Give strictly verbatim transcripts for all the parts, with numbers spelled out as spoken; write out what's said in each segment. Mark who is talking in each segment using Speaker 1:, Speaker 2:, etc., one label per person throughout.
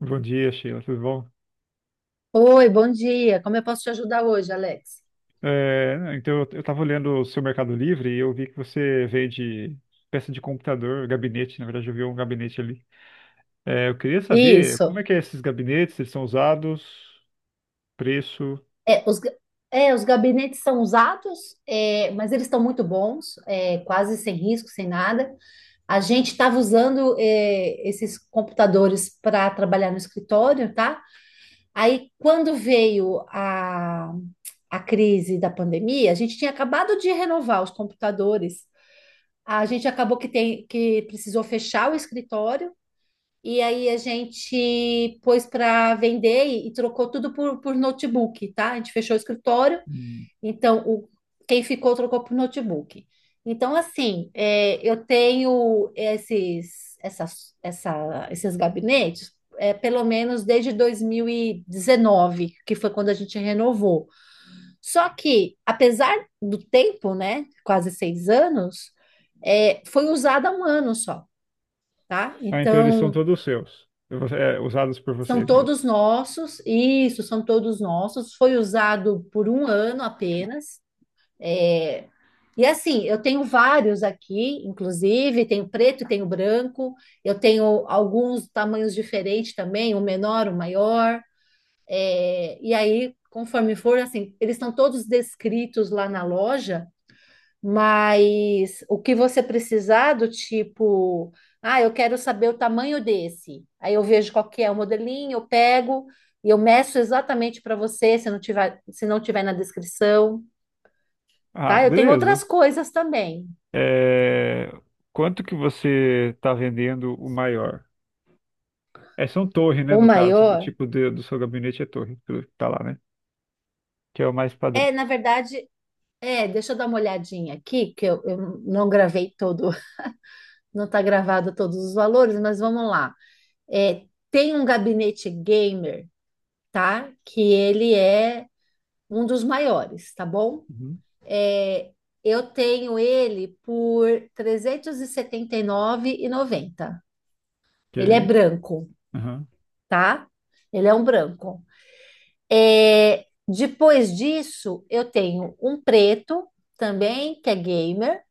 Speaker 1: Bom dia, Sheila, tudo bom?
Speaker 2: Oi, bom dia. Como eu posso te ajudar hoje, Alex?
Speaker 1: É, então, eu estava olhando o seu Mercado Livre e eu vi que você vende peça de computador, gabinete, na verdade eu vi um gabinete ali. É, eu queria saber
Speaker 2: Isso.
Speaker 1: como é que é esses gabinetes, eles são usados, preço...
Speaker 2: É, os, ga- é, os gabinetes são usados, é, mas eles estão muito bons, é, quase sem risco, sem nada. A gente estava usando, é, esses computadores para trabalhar no escritório, tá? Aí, quando veio a, a crise da pandemia, a gente tinha acabado de renovar os computadores. A gente acabou que tem, que precisou fechar o escritório. E aí a gente pôs para vender e, e trocou tudo por, por notebook, tá? A gente fechou o escritório,
Speaker 1: Hum.
Speaker 2: então o, quem ficou trocou por notebook. Então, assim, é, eu tenho esses, essas, essa, esses gabinetes, é, pelo menos desde dois mil e dezenove, que foi quando a gente renovou. Só que, apesar do tempo, né, quase seis anos, é, foi usada um ano só, tá?
Speaker 1: Ah, então eles são
Speaker 2: Então.
Speaker 1: todos seus, é, usados por
Speaker 2: São
Speaker 1: vocês mesmo.
Speaker 2: todos nossos, isso, são todos nossos. Foi usado por um ano apenas. É, E assim, eu tenho vários aqui, inclusive, tenho preto e tenho branco, eu tenho alguns tamanhos diferentes também, o menor, o maior. É, E aí, conforme for, assim, eles estão todos descritos lá na loja. Mas o que você precisar do tipo, ah, eu quero saber o tamanho desse. Aí eu vejo qual que é o modelinho, eu pego e eu meço exatamente para você, se não tiver, se não tiver na descrição,
Speaker 1: Ah,
Speaker 2: tá? Eu tenho
Speaker 1: beleza.
Speaker 2: outras coisas também.
Speaker 1: É, quanto que você está vendendo o maior? É, são torre, né,
Speaker 2: O
Speaker 1: no caso, o
Speaker 2: maior
Speaker 1: tipo de- do seu gabinete é torre, pelo que tá lá, né? Que é o mais padrão.
Speaker 2: é, na verdade, é, deixa eu dar uma olhadinha aqui, que eu, eu não gravei todo, não está gravado todos os valores, mas vamos lá. É, tem um gabinete gamer, tá? Que ele é um dos maiores, tá bom?
Speaker 1: Uhum.
Speaker 2: É, eu tenho ele por trezentos e e setenta e nove R$ trezentos e setenta e nove e noventa. Ele é
Speaker 1: Ok.
Speaker 2: branco,
Speaker 1: Aham.
Speaker 2: tá? Ele é um branco. É, depois disso, eu tenho um preto também, que é gamer.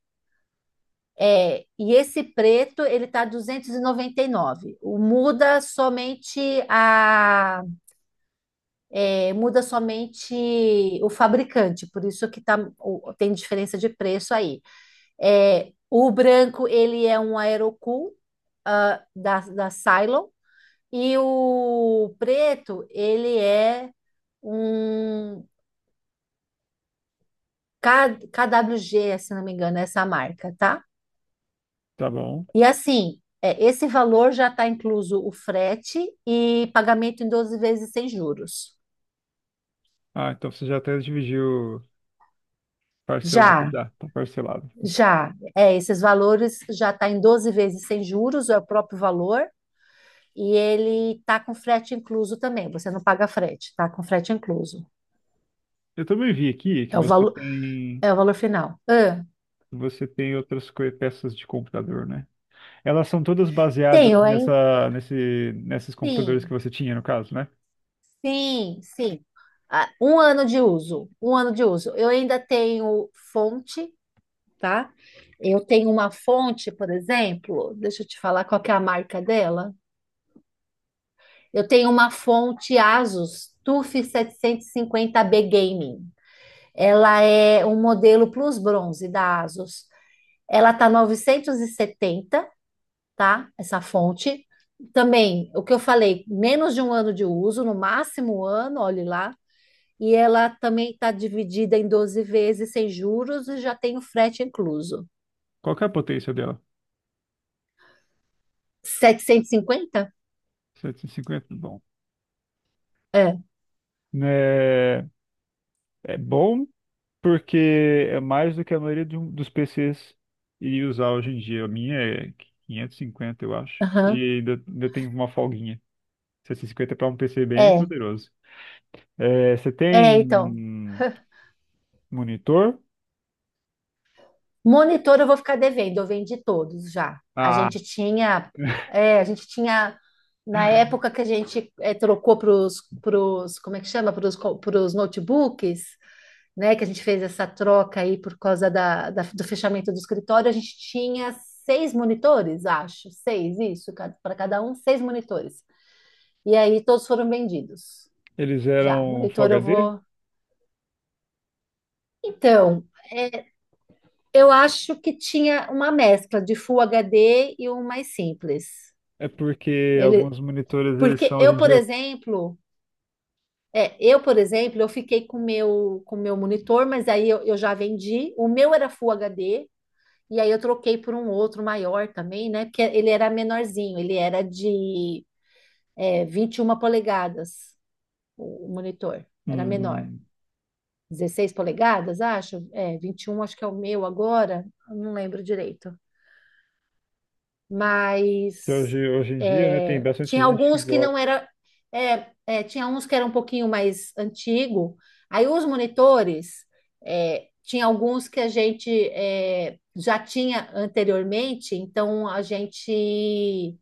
Speaker 2: É, e esse preto, ele tá duzentos e e noventa e nove. O muda somente a é, muda somente o fabricante, por isso que tá o- tem diferença de preço aí. É, o branco, ele é um aerocool, ah, da, da Cylon. E o preto, ele é um K, KWG, se não me engano, é essa marca, tá?
Speaker 1: Tá bom.
Speaker 2: E assim, é, esse valor já está incluso o frete e pagamento em doze vezes sem juros.
Speaker 1: Ah, então você já até dividiu parcelado
Speaker 2: Já,
Speaker 1: já, tá parcelado.
Speaker 2: já, é, esses valores já está em doze vezes sem juros, é o próprio valor, e ele tá com frete incluso também. Você não paga frete, tá com frete incluso.
Speaker 1: Eu também vi aqui que
Speaker 2: É o
Speaker 1: você
Speaker 2: valor,
Speaker 1: tem
Speaker 2: é o valor final. Ah,
Speaker 1: você tem outras coi- peças de computador, né? Elas são todas baseadas
Speaker 2: tenho, hein?
Speaker 1: nessa nesse nesses computadores que
Speaker 2: Sim,
Speaker 1: você tinha no caso, né?
Speaker 2: sim, sim. Ah, um ano de uso, um ano de uso. Eu ainda tenho fonte, tá? Eu tenho uma fonte, por exemplo, deixa eu te falar qual que é a marca dela. Eu tenho uma fonte Asus TUF setecentos e cinquenta B Gaming. Ela é um modelo Plus Bronze da Asus. Ela tá novecentos e setenta, tá? Essa fonte. Também, o que eu falei, menos de um ano de uso, no máximo um ano, olhe lá. E ela também está dividida em doze vezes sem juros e já tem o frete incluso.
Speaker 1: Qual que é a potência dela?
Speaker 2: setecentos e cinquenta?
Speaker 1: Setecentos e cinquenta, bom.
Speaker 2: É,
Speaker 1: É, é bom, porque é mais do que a maioria de um- dos P Cs iria usar hoje em dia. A minha é quinhentos e cinquenta, eu acho.
Speaker 2: aham.
Speaker 1: E ainda, ainda tem uma folguinha. setecentos e cinquenta para um P C bem
Speaker 2: É,
Speaker 1: poderoso. É, você
Speaker 2: é, então.
Speaker 1: tem monitor?
Speaker 2: Monitor eu vou ficar devendo, eu vendi todos já. A
Speaker 1: Ah,
Speaker 2: gente tinha, é, a gente tinha, na época que a gente é, trocou para os, como é que chama? Para os notebooks, né, que a gente fez essa troca aí por causa da, da- do fechamento do escritório, a gente tinha seis monitores, acho, seis, isso, para cada um, seis monitores. E aí todos foram vendidos.
Speaker 1: eles
Speaker 2: Já,
Speaker 1: eram Full
Speaker 2: monitor eu
Speaker 1: H D?
Speaker 2: vou. Então, é, eu acho que tinha uma mescla de Full H D e um mais simples.
Speaker 1: É porque
Speaker 2: Ele,
Speaker 1: alguns monitores eles
Speaker 2: porque
Speaker 1: são hoje
Speaker 2: eu,
Speaker 1: em
Speaker 2: por
Speaker 1: dia
Speaker 2: exemplo, é, eu, por exemplo, eu fiquei com o meu, com o meu monitor, mas aí eu, eu já vendi. O meu era Full H D. E aí eu troquei por um outro maior também, né? Porque ele era menorzinho, ele era de é, vinte e uma polegadas, o o monitor, era menor.
Speaker 1: hum,
Speaker 2: dezesseis polegadas, acho? É, vinte e um acho que é o meu agora, eu não lembro direito.
Speaker 1: que hoje,
Speaker 2: Mas
Speaker 1: hoje em dia, né, tem
Speaker 2: é,
Speaker 1: bastante
Speaker 2: tinha
Speaker 1: gente que
Speaker 2: alguns que não
Speaker 1: gosta.
Speaker 2: era, é, é, tinha uns que era um pouquinho mais antigo. Aí os monitores, é, tinha alguns que a gente é, já tinha anteriormente, então a gente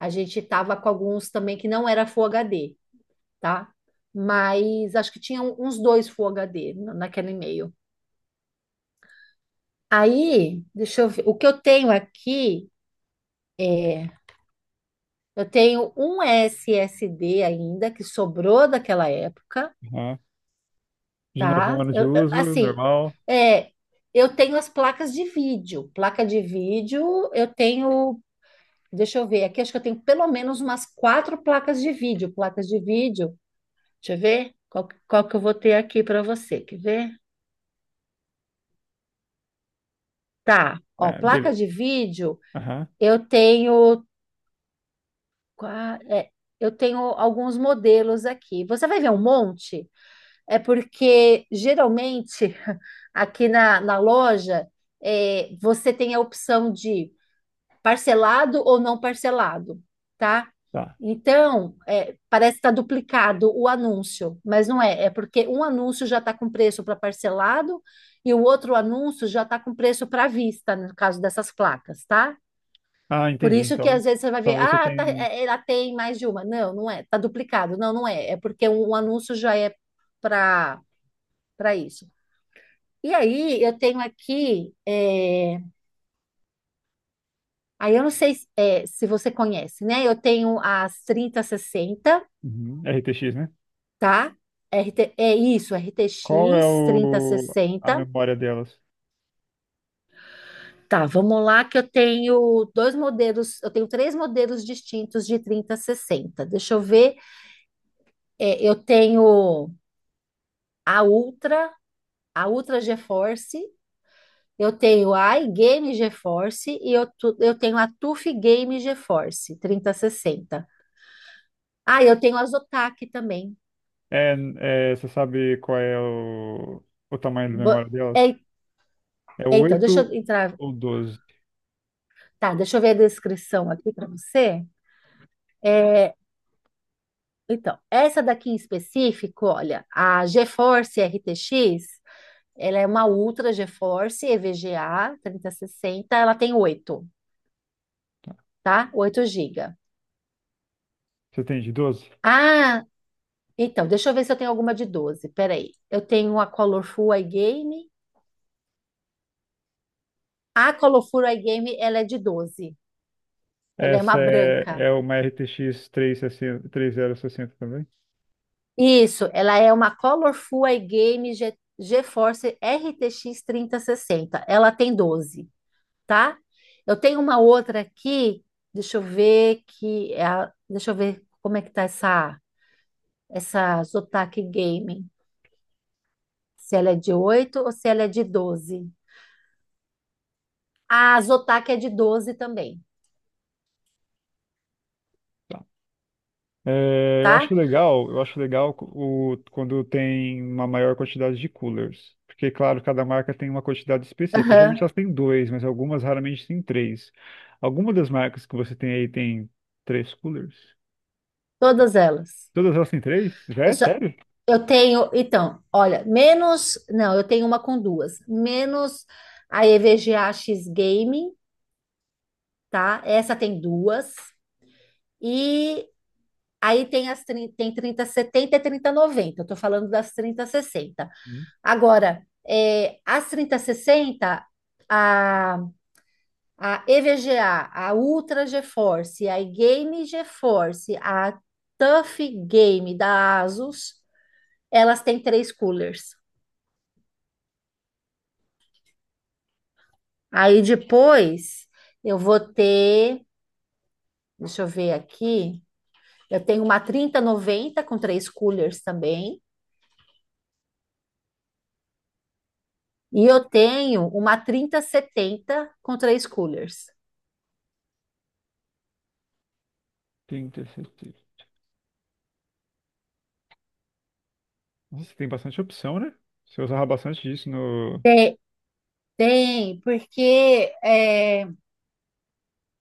Speaker 2: a gente estava com alguns também que não era Full H D, tá? Mas acho que tinha uns dois Full H D na- naquele e-mail. Aí, deixa eu ver, o que eu tenho aqui é eu tenho um S S D ainda que sobrou daquela época,
Speaker 1: Aham. De novo, um
Speaker 2: tá?
Speaker 1: ano de
Speaker 2: Eu- eu-
Speaker 1: uso,
Speaker 2: assim,
Speaker 1: normal.
Speaker 2: é, eu tenho as placas de vídeo. Placa de vídeo, eu tenho, deixa eu ver, aqui acho que eu tenho pelo menos umas quatro placas de vídeo. Placas de vídeo, deixa eu ver qual, que- qual que eu vou ter aqui para você, quer ver? Tá, ó,
Speaker 1: É,
Speaker 2: placa
Speaker 1: beleza.
Speaker 2: de vídeo,
Speaker 1: Aham.
Speaker 2: eu tenho, qua- é, eu tenho alguns modelos aqui. Você vai ver um monte? É porque geralmente aqui na, na loja é, você tem a opção de parcelado ou não parcelado, tá?
Speaker 1: Tá.
Speaker 2: Então, é, parece que está duplicado o anúncio, mas não é. É porque um anúncio já está com preço para parcelado e o outro anúncio já está com preço para vista, no caso dessas placas, tá?
Speaker 1: Ah,
Speaker 2: Por
Speaker 1: entendi.
Speaker 2: isso que
Speaker 1: Então,
Speaker 2: às vezes você vai ver,
Speaker 1: então você
Speaker 2: ah, tá,
Speaker 1: tem
Speaker 2: é, ela tem mais de uma. Não, não é, tá duplicado. Não, não é. É porque um um anúncio já é para para isso. E aí, eu tenho aqui, é, aí eu não sei se é, se você conhece, né? Eu tenho as trinta sessenta,
Speaker 1: uhum, R T X, né?
Speaker 2: tá? R T, é isso,
Speaker 1: Qual é
Speaker 2: R T X
Speaker 1: o... a
Speaker 2: sessenta.
Speaker 1: memória delas?
Speaker 2: Tá, vamos lá, que eu tenho dois modelos, eu tenho três modelos distintos de trinta sessenta. Deixa eu ver, é, eu tenho a Ultra, a Ultra GeForce, eu tenho a iGame GeForce e eu, tu- eu tenho a TUF Game GeForce trinta sessenta. Ah, eu tenho as otaku também.
Speaker 1: É, é, você sabe qual é o... o tamanho da
Speaker 2: Bo-
Speaker 1: memória delas?
Speaker 2: é-
Speaker 1: É
Speaker 2: é, então, deixa eu
Speaker 1: oito
Speaker 2: entrar.
Speaker 1: ou doze?
Speaker 2: Tá, deixa eu ver a descrição aqui para você. É, então, essa daqui em específico, olha, a GeForce R T X, ela é uma Ultra GeForce E V G A trinta sessenta, ela tem oito, tá? Oito gigas.
Speaker 1: Você tem de doze?
Speaker 2: Ah, então, deixa eu ver se eu tenho alguma de doze. Peraí. Eu tenho a Colorful iGame. A Colorful iGame, ela é de doze. Ela é uma
Speaker 1: Essa é,
Speaker 2: branca.
Speaker 1: é uma R T X trezentos e sessenta, sessenta e três mil e sessenta também?
Speaker 2: Isso, ela é uma Colorful iGame Ge- GeForce R T X trinta sessenta. Ela tem doze, tá? Eu tenho uma outra aqui, deixa eu ver que é a- deixa eu ver como é que tá essa essa Zotac Gaming. Se ela é de oito ou se ela é de doze? A Zotac é de doze também,
Speaker 1: É, eu
Speaker 2: tá?
Speaker 1: acho legal, eu acho legal o, quando tem uma maior quantidade de coolers. Porque, claro, cada marca tem uma quantidade específica.
Speaker 2: Aham,
Speaker 1: Geralmente elas têm dois, mas algumas raramente têm três. Alguma das marcas que você tem aí tem três coolers?
Speaker 2: todas elas.
Speaker 1: Todas elas têm três? Já
Speaker 2: Eu
Speaker 1: é
Speaker 2: só-
Speaker 1: sério?
Speaker 2: Eu tenho, então, olha, menos, não, eu tenho uma com duas, menos a E V G A X Gaming, tá? Essa tem duas, e aí tem as trinta, tem trinta, e trinta noventa, eu tô falando das trinta, e sessenta.
Speaker 1: Hum.
Speaker 2: Agora, é, as trinta e sessenta, a, a E V G A, a a Ultra GeForce, a Game GeForce, a Tough Game da Asus, elas têm três coolers. Aí depois eu vou ter, deixa eu ver aqui, eu tenho uma trinta noventa com três coolers também, e eu tenho uma trinta setenta com três coolers.
Speaker 1: Tem, tem, tem. tem. Nossa, tem bastante opção, né? Você usava bastante disso no.
Speaker 2: Tem, porque é,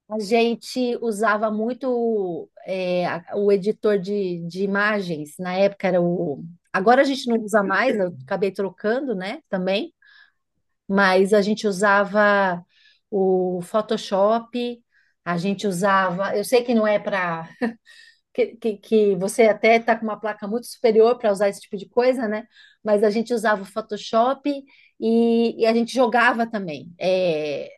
Speaker 2: a gente usava muito é, a- o editor de, de imagens, na época era o. Agora a gente não usa mais, eu acabei trocando, né, também, mas a gente usava o Photoshop, a gente usava. Eu sei que não é para. Que, que, que você até está com uma placa muito superior para usar esse tipo de coisa, né? Mas a gente usava o Photoshop e, e a gente jogava também. É,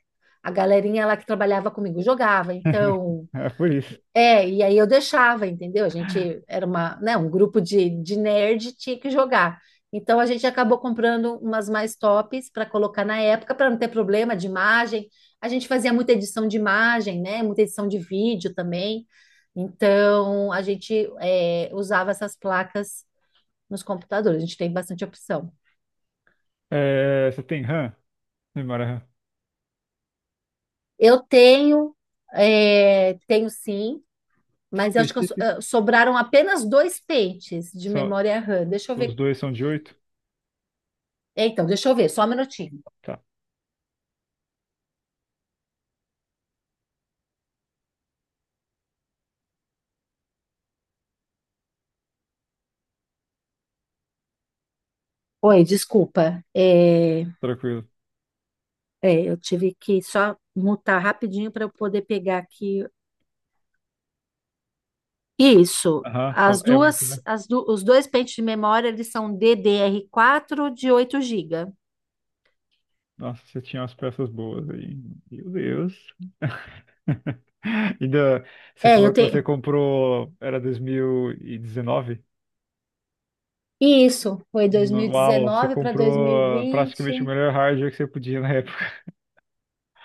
Speaker 2: A galerinha lá que trabalhava comigo jogava. Então,
Speaker 1: É por isso.
Speaker 2: é, e aí eu deixava, entendeu? A gente era uma, né, um grupo de, de nerd, tinha que jogar. Então a gente acabou comprando umas mais tops para colocar na época, para não ter problema de imagem. A gente fazia muita edição de imagem, né? Muita edição de vídeo também. Então a gente é, usava essas placas nos computadores. A gente tem bastante opção.
Speaker 1: É, você tem RAM? Memória RAM.
Speaker 2: Eu tenho, é, tenho sim, mas eu acho que eu so-
Speaker 1: Específico.
Speaker 2: eh, sobraram apenas dois pentes de
Speaker 1: Só,
Speaker 2: memória RAM. Deixa eu
Speaker 1: os
Speaker 2: ver.
Speaker 1: dois são de oito?
Speaker 2: É, Então, deixa eu ver, só um minutinho.
Speaker 1: Tá,
Speaker 2: Oi, desculpa. É,
Speaker 1: tranquilo.
Speaker 2: é, eu tive que só mutar rapidinho para eu poder pegar aqui. Isso.
Speaker 1: Aham, são,
Speaker 2: As
Speaker 1: é oito,
Speaker 2: duas,
Speaker 1: né?
Speaker 2: as du- Os dois pentes de memória, eles são D D R quatro de oito gigabytes.
Speaker 1: Nossa, você tinha umas peças boas aí. Meu Deus. Ainda, você
Speaker 2: É,
Speaker 1: falou
Speaker 2: eu
Speaker 1: que você
Speaker 2: tenho.
Speaker 1: comprou, era dois mil e dezenove?
Speaker 2: Isso, foi
Speaker 1: No- Uau, você
Speaker 2: dois mil e dezenove para dois mil e
Speaker 1: comprou praticamente o
Speaker 2: vinte.
Speaker 1: melhor hardware que você podia na época.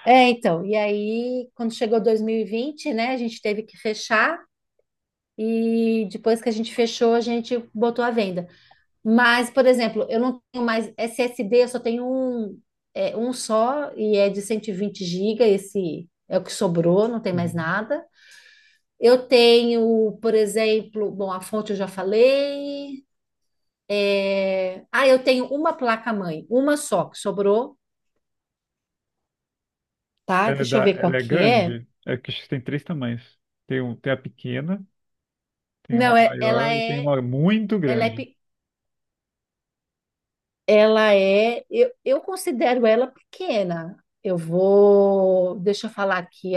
Speaker 2: É, então, e aí, quando chegou dois mil e vinte, né, a gente teve que fechar, e depois que a gente fechou, a gente botou à venda. Mas, por exemplo, eu não tenho mais S S D, eu só tenho um, é, um só e é de cento e vinte gigas, esse é o que sobrou, não tem mais
Speaker 1: Uhum.
Speaker 2: nada. Eu tenho, por exemplo, bom, a fonte eu já falei. é, Ah, eu tenho uma placa-mãe, uma só que sobrou, tá?
Speaker 1: Ela é,
Speaker 2: Deixa eu
Speaker 1: da-
Speaker 2: ver qual
Speaker 1: ela é
Speaker 2: que é.
Speaker 1: grande? É que acho que tem três tamanhos. Tem, um, tem a pequena, tem uma
Speaker 2: Não, é- ela
Speaker 1: maior e tem
Speaker 2: é,
Speaker 1: uma muito
Speaker 2: ela é,
Speaker 1: grande.
Speaker 2: pe- ela é, eu, eu considero ela pequena. Eu vou, deixa eu falar aqui.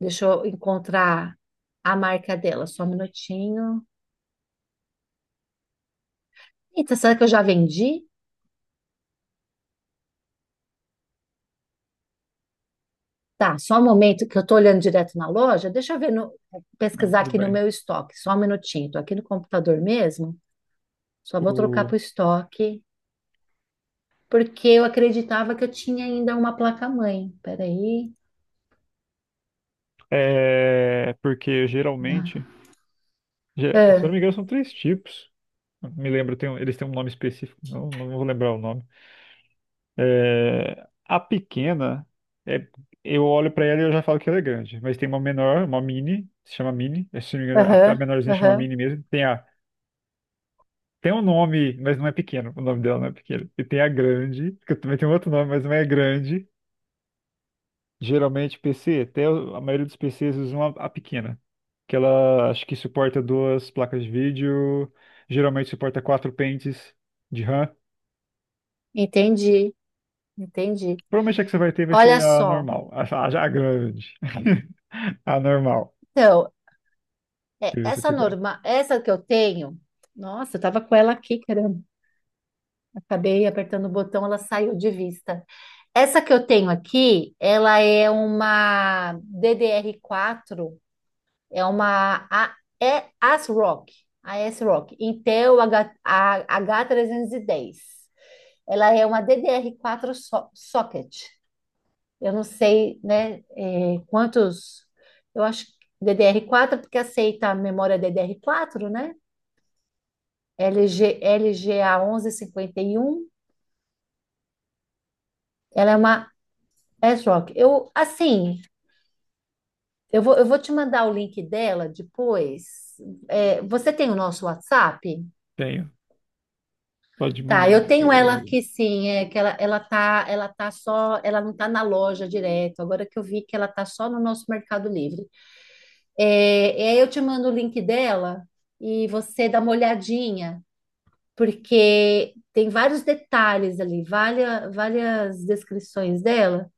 Speaker 2: Deixa eu encontrar a marca dela, só um minutinho. Eita, será que eu já vendi? Tá, só um momento que eu tô olhando direto na loja. Deixa eu ver no,
Speaker 1: Não,
Speaker 2: pesquisar
Speaker 1: tudo
Speaker 2: aqui no
Speaker 1: bem.
Speaker 2: meu estoque, só um minutinho. Tô aqui no computador mesmo, só vou trocar
Speaker 1: O,
Speaker 2: pro estoque, porque eu acreditava que eu tinha ainda uma placa-mãe. Peraí.
Speaker 1: é, porque
Speaker 2: Ah,
Speaker 1: geralmente, ge- se eu não
Speaker 2: ah,
Speaker 1: me engano, são três tipos. Me lembro, tem um- eles têm um nome específico, não, não vou lembrar o nome. É, a pequena, é, eu olho pra ela e eu já falo que ela é grande, mas tem uma menor, uma mini, se chama mini, é, se não me engano, a, a
Speaker 2: aham,
Speaker 1: menorzinha chama
Speaker 2: aham,
Speaker 1: mini mesmo. Tem a, tem um nome, mas não é pequeno, o nome dela não é pequeno. E tem a grande, que também tem um outro nome, mas não é grande. Geralmente P C, até o- a maioria dos P Cs usam a, a pequena, que ela acho que suporta duas placas de vídeo, geralmente suporta quatro pentes de RAM.
Speaker 2: entendi, entendi.
Speaker 1: Provavelmente a que você vai ter vai ser
Speaker 2: Olha
Speaker 1: a
Speaker 2: só,
Speaker 1: normal. A, a já grande. A normal,
Speaker 2: então, é,
Speaker 1: se você
Speaker 2: essa
Speaker 1: tiver.
Speaker 2: norma, essa que eu tenho, nossa, eu tava com ela aqui, caramba. Acabei apertando o botão, ela saiu de vista. Essa que eu tenho aqui, ela é uma D D R quatro, é uma A- é ASRock, a ASRock, Intel H, A- H trezentos e dez. Ela é uma D D R quatro so- socket. Eu não sei, né, eh, quantos, eu acho que D D R quatro porque aceita a memória D D R quatro, né? L G, e um. Ela é uma. É, Joque, eu, assim, eu vou, eu vou te mandar o link dela depois. É, você tem o nosso WhatsApp?
Speaker 1: Tenho. Pode
Speaker 2: Tá,
Speaker 1: mandar.
Speaker 2: eu
Speaker 1: Lá.
Speaker 2: tenho ela
Speaker 1: Eu-
Speaker 2: aqui sim, é que ela, ela tá, ela tá só, ela não tá na loja direto, agora que eu vi que ela tá só no nosso Mercado Livre. É, e aí eu te mando o link dela e você dá uma olhadinha, porque tem vários detalhes ali, várias, várias descrições dela.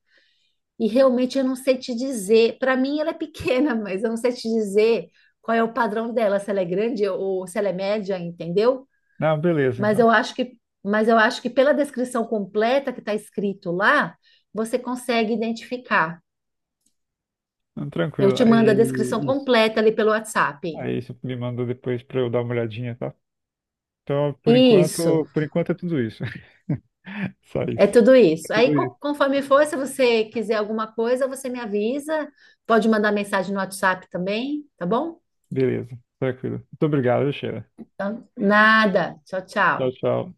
Speaker 2: E realmente eu não sei te dizer. Para mim ela é pequena, mas eu não sei te dizer qual é o padrão dela, se ela é grande ou se ela é média, entendeu?
Speaker 1: Não, beleza,
Speaker 2: Mas eu
Speaker 1: então.
Speaker 2: acho que, mas eu acho que pela descrição completa que está escrito lá, você consegue identificar.
Speaker 1: Não,
Speaker 2: Eu
Speaker 1: tranquilo.
Speaker 2: te mando a
Speaker 1: Aí,
Speaker 2: descrição
Speaker 1: isso.
Speaker 2: completa ali pelo WhatsApp.
Speaker 1: Aí você me manda depois pra eu dar uma olhadinha, tá? Então, por enquanto,
Speaker 2: Isso,
Speaker 1: por enquanto é tudo isso. Só
Speaker 2: é
Speaker 1: isso.
Speaker 2: tudo
Speaker 1: É
Speaker 2: isso. Aí,
Speaker 1: tudo isso.
Speaker 2: co- conforme for, se você quiser alguma coisa, você me avisa. Pode mandar mensagem no WhatsApp também, tá bom?
Speaker 1: Beleza, tranquilo. Muito obrigado, Sheila.
Speaker 2: Então, nada. Tchau,
Speaker 1: Tchau,
Speaker 2: tchau.
Speaker 1: tchau.